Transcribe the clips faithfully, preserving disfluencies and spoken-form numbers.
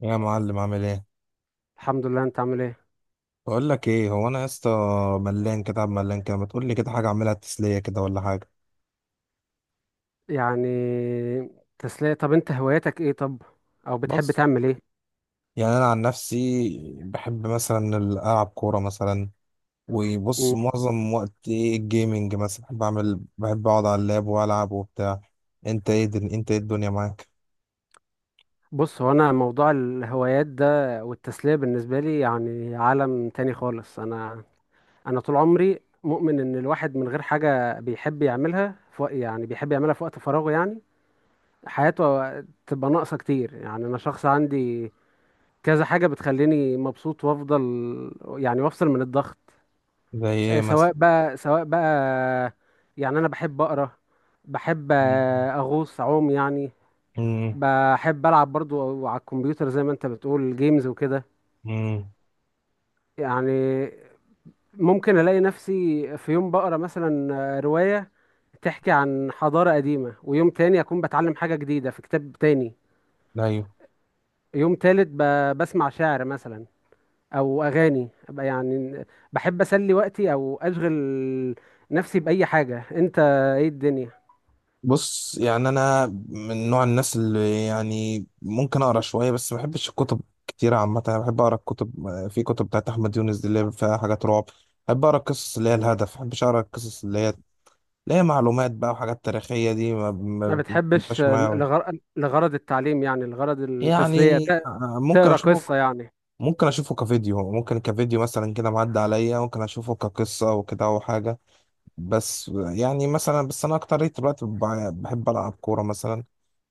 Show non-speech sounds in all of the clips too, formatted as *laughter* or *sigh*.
يا معلم، عامل ايه؟ الحمد لله، انت عامل ايه؟ بقول لك ايه، هو انا يا اسطى ملان كده، عم ملان كده، ما تقول لي كده حاجه اعملها تسليه كده، ولا حاجه؟ يعني تسلية. طب انت هواياتك ايه؟ طب، او بتحب بص، تعمل ايه؟ يعني انا عن نفسي بحب مثلا العب كوره مثلا. وبص، مم. معظم وقت ايه، الجيمنج مثلا، بحب اعمل بحب اقعد على اللاب والعب وبتاع. انت ايه دل... انت ايه الدنيا معاك؟ بص، هو انا موضوع الهوايات ده والتسلية بالنسبة لي يعني عالم تاني خالص. انا انا طول عمري مؤمن ان الواحد من غير حاجة بيحب يعملها في وق- يعني بيحب يعملها في وقت فراغه، يعني حياته تبقى ناقصة كتير. يعني انا شخص عندي كذا حاجة بتخليني مبسوط وافضل يعني، وافصل من الضغط. زي ايه آه، مثلا؟ سواء بقى سواء بقى، يعني انا بحب اقرا، بحب آه، اغوص اعوم يعني. امم. بحب العب برضو على الكمبيوتر زي ما انت بتقول جيمز وكده. امم. يعني ممكن الاقي نفسي في يوم بقرا مثلا آه، رواية تحكي عن حضارة قديمة، ويوم تاني اكون بتعلم حاجة جديدة في كتاب تاني. ايوه. يوم تالت ب- بسمع شعر مثلا او اغاني أبقى يعني. بحب اسلي وقتي او اشغل نفسي باي حاجة. انت ايه الدنيا؟ بص، يعني انا من نوع الناس اللي يعني ممكن اقرا شويه، بس ما بحبش الكتب كتير عامه. انا بحب اقرا الكتب، في كتب بتاعت احمد يونس دي اللي هي فيها حاجات رعب. بحب اقرا القصص اللي هي الهدف، ما بحبش اقرا القصص اللي هي اللي هي معلومات بقى، وحاجات تاريخيه دي، ما ما ما- ما بتحبش بتبقاش معايا أوي. لغر... لغرض التعليم، يعني لغرض التسلية يعني ت- ممكن تقرا اشوفه قصة يعني. ممكن اشوفه كفيديو ممكن كفيديو مثلا كده، معدي عليا، ممكن اشوفه كقصه وكده او حاجه. بس يعني مثلا، بس انا اكتر دلوقتي بع- بحب العب كوره مثلا.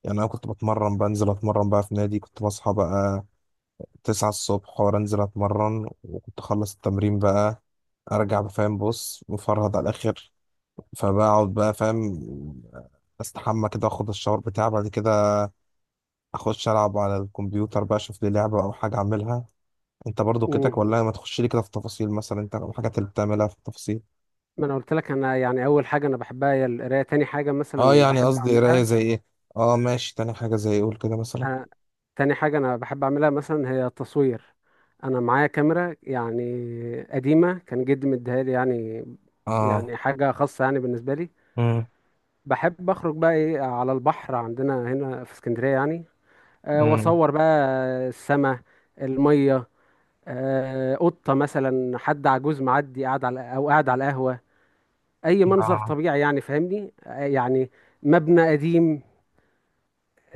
يعني انا كنت بتمرن، بنزل اتمرن بقى في نادي، كنت بصحى بقى تسعة الصبح وانزل اتمرن، وكنت اخلص التمرين بقى ارجع بقى، فاهم؟ بص، مفرهد على الاخر. فبقعد بقى فاهم، استحمى كده، اخد الشاور بتاعي، بعد كده اخش العب على الكمبيوتر بقى، اشوف لي لعبة او حاجة اعملها. انت برضو كده، امم، ولا ما تخش لي كده في التفاصيل؟ مثلا انت الحاجات اللي بتعملها في التفاصيل؟ ما انا قلت لك، انا يعني اول حاجة انا بحبها هي القراية. تاني حاجة اه، مثلا يعني بحب قصدي قراية اعملها، زي ايه؟ اه ماشي، تاني حاجة زي ايه؟ قول كده مثلا. أنا... تاني حاجة انا بحب اعملها مثلا هي التصوير. انا معايا كاميرا يعني قديمة، كان جدي مديها لي، يعني اه. يعني حاجة خاصة يعني بالنسبة لي. امم. بحب اخرج بقى ايه على البحر، عندنا هنا في اسكندرية يعني. أه، امم. واصور بقى السماء، المية، آه، قطة مثلا، حد عجوز معدي قاعد على أو قاعد على القهوة، أي منظر آه. طبيعي يعني، فاهمني؟ آه، يعني مبنى قديم،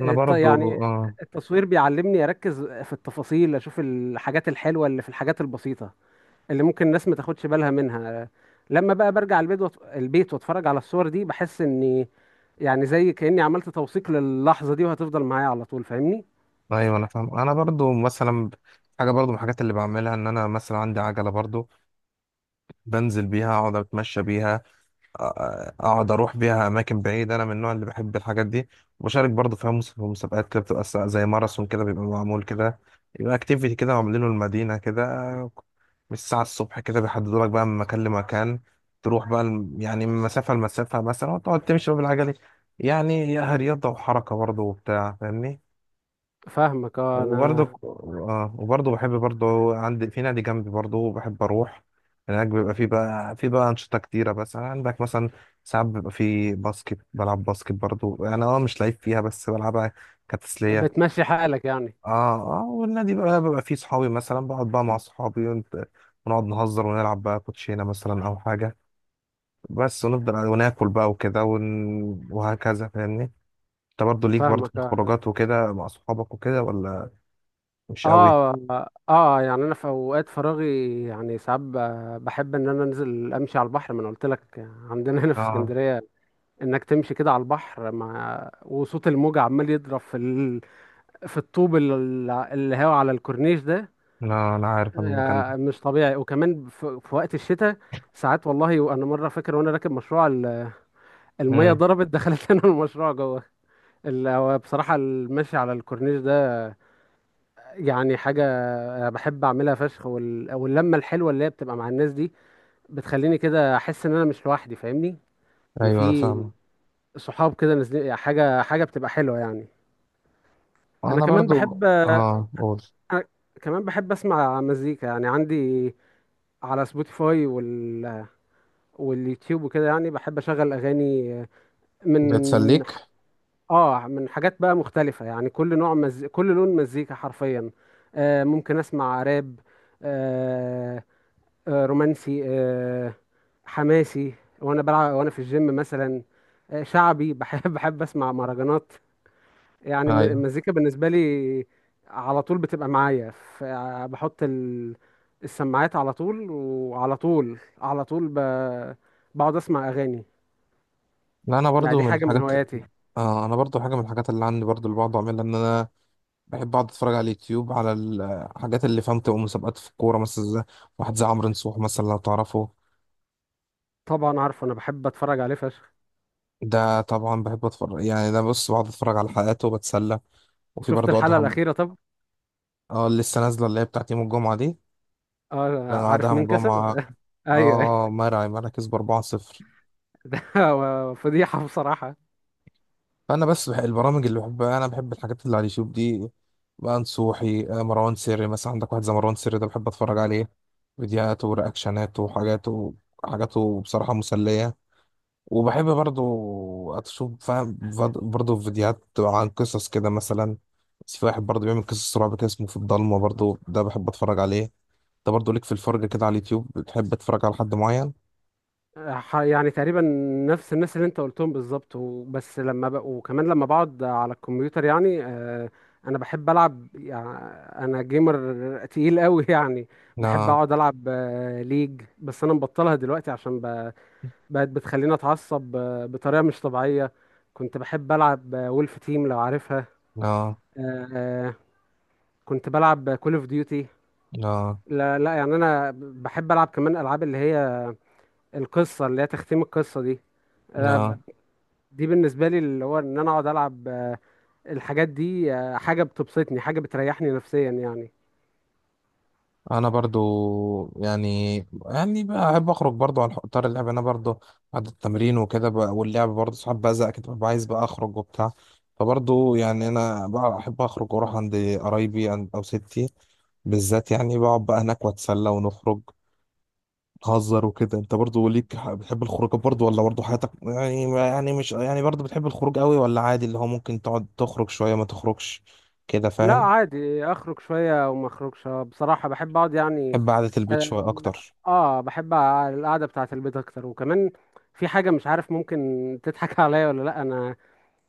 انا ط- برضو يعني اه. التصوير بيعلمني أركز في التفاصيل، أشوف الحاجات الحلوة اللي في الحاجات البسيطة اللي ممكن الناس ما تاخدش بالها منها. آه، لما بقى برجع البيت وأت- البيت، واتفرج على الصور دي، بحس إني يعني زي كأني عملت توثيق للحظة دي، وهتفضل معايا على طول، فاهمني؟ ايوه انا فاهم، انا برضو مثلا حاجه برضو من الحاجات اللي بعملها ان انا مثلا عندي عجله برضو، بنزل بيها اقعد اتمشى بيها. أ- اقعد اروح بيها اماكن بعيده، انا من النوع اللي بحب الحاجات دي. وبشارك برضو فيها، مس- في مسابقات كده، بتبقى س- زي ماراثون كده بيبقى معمول كده. يبقى اكتيفيتي كده عاملينه المدينه كده، من الساعه الصبح كده بيحددوا لك بقى من مكان لمكان، تروح بقى الم- يعني من مسافه لمسافه مثلا، وتقعد تمشي بقى بالعجله. يعني هي رياضه وحركه برضو وبتاع، فاهمني؟ فاهمك اه، وبرضه انا اه، وبرضه بحب برضه، عندي في نادي جنبي برضه بحب اروح هناك. بيبقى في بقى في بقى انشطه كتيره، بس يعني عندك مثلا ساعات بيبقى في باسكت، بلعب باسكت برضه انا، اه مش لعيب فيها بس بلعبها كتسليه. بتمشي حالك يعني. اه. اه، والنادي بقى بيبقى فيه صحابي مثلا، بقعد بقى مع صحابي ونت- ونقعد نهزر ونلعب بقى كوتشينه مثلا او حاجه بس، ونفضل وناكل بقى وكده ون... وهكذا، فاهمني؟ انت برضه ليك برضه في فاهمك اه، الخروجات وكده مع صحابك وكده، ولا مش قوي؟ اه، اه يعني انا في اوقات فراغي يعني، ساعات ب- بحب ان انا انزل امشي على البحر. ما انا قلت لك عندنا هنا في اه. اسكندريه، انك تمشي كده على البحر مع وصوت الموج عمال يضرب في ال... في الطوب ال- اللي هو على الكورنيش ده، انا انا عارف أنا المكان ده. آه مش طبيعي. وكمان في... في وقت الشتاء، ساعات والله، وانا مره فاكر وانا راكب مشروع ال- الميه امم. ضربت دخلت *laughs* لنا المشروع جوه. ال... هو بصراحه المشي على الكورنيش ده يعني حاجة بحب أعملها فشخ. وال... واللمة الحلوة اللي هي بتبقى مع الناس دي بتخليني كده أحس إن أنا مش لوحدي، فاهمني؟ إن ايوه انا في فاهمه. صحاب كده نازلين حاجة، حاجة بتبقى حلوة يعني. أنا انا كمان برضو بحب أنا اه، قول. كمان بحب أسمع مزيكا يعني. عندي على سبوتيفاي وال... واليوتيوب وكده، يعني بحب أشغل أغاني بتسليك؟ من ح- آه من حاجات بقى مختلفة، يعني كل نوع مز... كل لون مزيكا حرفيا. آه ممكن أسمع راب، آه، آه، رومانسي، آه، حماسي وانا بلعب وانا في الجيم مثلا، آه، شعبي، بحب *laughs* بحب اسمع مهرجانات. يعني الم- ايوه. المزيكا بالنسبه لي على طول بتبقى معايا. ف- بحط ال- السماعات، على طول وعلى طول على طول ب- بقعد اسمع اغاني لا. انا يعني. برضو دي من حاجه من الحاجات، هواياتي. آه انا برضو حاجه من الحاجات اللي عندي برضو اللي بقعد اعملها، ان انا بحب اقعد اتفرج على اليوتيوب، على الحاجات اللي فهمت مسابقات في الكوره مثلا، زي واحد زي عمرو نصوح مثلا لو تعرفه. طبعا عارفه، انا بحب اتفرج عليه فشخ. ده طبعا بحب اتفرج، يعني ده بص، بقعد اتفرج على حلقاته وبتسلى. وفي شفت برضو الحلقه ادهم. الاخيره؟ طب، اه اللي لسه نازله اللي هي بتاعت يوم الجمعه دي. اه انا عارف ادهم مين كسب؟ جمعه، *laughs* ايوه اه، مرعي مرعي كسب اربعه صفر. *laughs* ده فضيحه بصراحه. فانا بس بح... البرامج اللي بحبها، انا بحب الحاجات اللي على اليوتيوب دي بقى، نصوحي، آه، مروان سري مثلا. عندك واحد زي مروان سري ده بحب اتفرج عليه، فيديوهاته ورياكشناته وحاجاته، حاجاته بصراحة مسلية. وبحب برضو اشوف فاهم فد- برضو فيديوهات عن قصص كده مثلا. في واحد برضو بيعمل قصص رعب كده اسمه في الضلمة، برضو ده بحب اتفرج عليه. ده برضو ليك في الفرجة كده على اليوتيوب، بتحب تتفرج على حد معين؟ ح- يعني تقريبا نفس الناس اللي انت قلتهم بالظبط و- بس لما ب... وكمان لما بقعد على الكمبيوتر يعني. آه، انا بحب العب يعني، انا جيمر تقيل قوي *laughs* يعني. بحب لا. اقعد العب آه، ليج، بس انا مبطلها دلوقتي عشان ب... بقت بتخليني اتعصب آه، بطريقة مش طبيعية. كنت بحب العب آه، وولف تيم، لو عارفها. لا. آه، آه، كنت بلعب كول اوف ديوتي. لا. لا لا، يعني انا بحب العب كمان العاب اللي هي القصة، اللي هي تختيم القصة دي. آه، لا. دي بالنسبة لي اللي هو ان انا اقعد العب آه، الحاجات دي، آه، حاجة بتبسطني، حاجة بتريحني نفسيا يعني. انا برضو يعني، يعني بحب اخرج برضو على اطار اللعب، انا برضو بعد التمرين وكده ب- واللعب برضو ساعات بزهق كده، ببقى عايز بقى اخرج وبتاع. فبرضو يعني انا بقى احب اخرج واروح عند قرايبي، عند- او ستي بالذات، يعني بقعد بقى هناك واتسلى ونخرج نهزر وكده. انت برضو ليك ح- بتحب الخروج برضو، ولا برضو حياتك يعني، يعني مش يعني برضو بتحب الخروج قوي، ولا عادي اللي هو ممكن تقعد تخرج شوية ما تخرجش كده، لا فاهم؟ عادي، اخرج شوية وما اخرجش. آه، بصراحة بحب اقعد يعني. بحب قعدة البيت شوية اه، اكتر. آه، بحب ع- القعدة بتاعة البيت اكتر. وكمان في حاجة مش عارف ممكن تضحك *laughs* عليا ولا لا. انا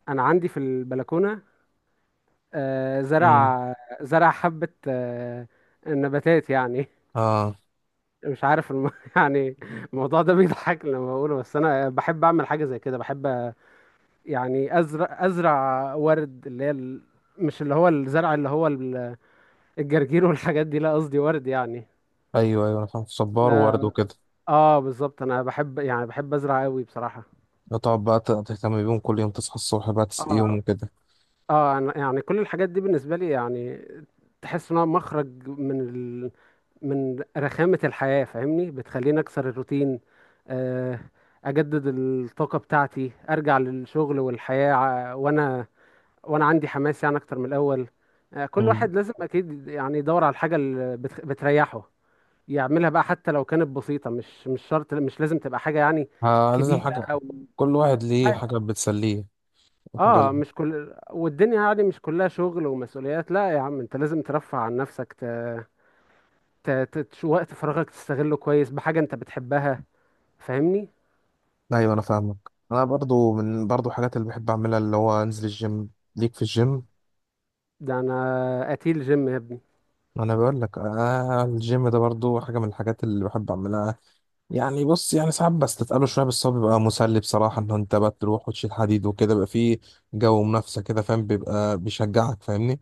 انا عندي في البلكونة آه، مم. زرع، زرع حبة آه، نباتات يعني. اه. مش عارف الم... *laughs* يعني الموضوع ده بيضحك لما بقوله، بس انا بحب اعمل حاجة زي كده. بحب يعني ازرع ازرع ورد، اللي هي ال... مش اللي هو الزرع اللي هو ال- الجرجير والحاجات دي، لا قصدي ورد يعني. ايوه ايوه انا فاهم، صبار وورد لا وكده. اه بالظبط، انا بحب يعني، بحب ازرع قوي بصراحة. تقعد بقى ت- تهتم بيهم كل يوم، تصحى الصبح بقى تسقيهم اه، وكده. اه، أنا يعني كل الحاجات دي بالنسبة لي يعني تحس انها مخرج من ال... من رخامة الحياة، فاهمني؟ بتخليني اكسر الروتين، آه اجدد الطاقة بتاعتي، ارجع للشغل والحياة ع- وانا وانا عندي حماس يعني اكتر من الاول. آه، كل مم. واحد لازم اكيد يعني يدور على الحاجه اللي بت- بتريحه يعملها بقى، حتى لو كانت بسيطه. مش مش شرط، مش لازم تبقى حاجه يعني آه لازم كبيره حاجة. او كل واحد ليه عادي. حاجة بتسليه وحاجة اه ل- مش كل والدنيا يعني مش كلها شغل ومسؤوليات، لا يا عم، انت لازم ترفه عن نفسك، ت... ت... ت... تش- وقت فراغك تستغله كويس بحاجه انت بتحبها، فاهمني؟ ايوه انا فاهمك. انا برضو من برضو حاجات اللي بحب اعملها اللي هو انزل الجيم. ليك في الجيم؟ ده انا قتيل جيم يا ابني. انا بقول لك آه، الجيم ده برضو حاجة من الحاجات اللي بحب اعملها. يعني بص يعني ساعات بستثقله شوية، بس هو بيبقى مسلي بصراحة، ان انت بقى تروح وتشيل حديد وكده، بيبقى فيه جو منافسة كده فاهم، بيبقى بيشجعك، فاهمني؟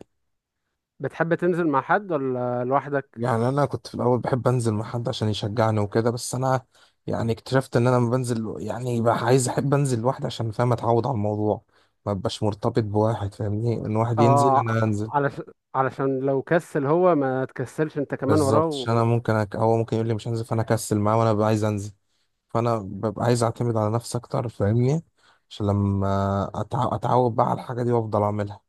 بتحب تنزل مع حد ولا لوحدك؟ يعني انا كنت في الاول بحب انزل مع حد عشان يشجعني وكده، بس انا يعني اكتشفت ان انا لما بنزل يعني بقى عايز، احب انزل لوحدي، عشان فاهم اتعود على الموضوع، ما ببقاش مرتبط بواحد، فاهمني؟ ان واحد ينزل اه، انا انزل. علشان علشان لو كسل هو ما تكسلش انت كمان وراه بالظبط، عشان انا و... ممكن أك... هو ممكن يقول لي مش هنزل فانا اكسل معاه، وانا ببقى عايز انزل. فانا ببقى عايز اعتمد على نفسي اكتر، فاهمني؟ عشان لما أتع... اتعود بقى على الحاجه دي وافضل اعملها.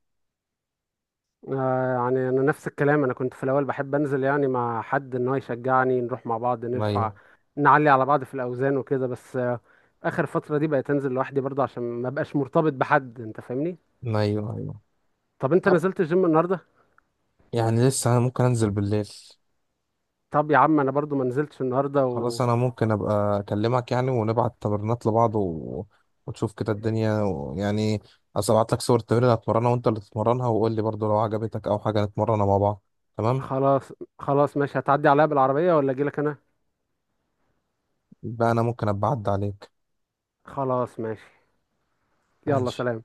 آه يعني انا نفس الكلام، انا كنت في الاول بحب انزل يعني مع حد ان هو يشجعني، نروح مع بعض نرفع ايوه. نعلي على بعض في الاوزان وكده، بس آه اخر فترة دي بقيت انزل لوحدي برضه عشان ما بقاش مرتبط بحد، انت فاهمني؟ ايوه. ايوه. طب انت طب نزلت الجيم النهارده؟ يعني لسه، انا ممكن انزل بالليل. طب يا عم انا برضه ما نزلتش النهارده. خلاص، انا ممكن ابقى اكلمك يعني، ونبعت تمرينات لبعض، و... وتشوف كده الدنيا، و... يعني أصل ابعت لك صور التمرين اللي هتمرنها، وانت اللي تتمرنها، وقول لي برضو لو عجبتك او حاجه نتمرنها مع بعض، تمام؟ وخلاص، خلاص ماشي، هتعدي عليا بالعربية ولا اجيلك انا؟ يبقى انا ممكن ابقى اعدي عليك. خلاص ماشي. يلا ماشي. سلام.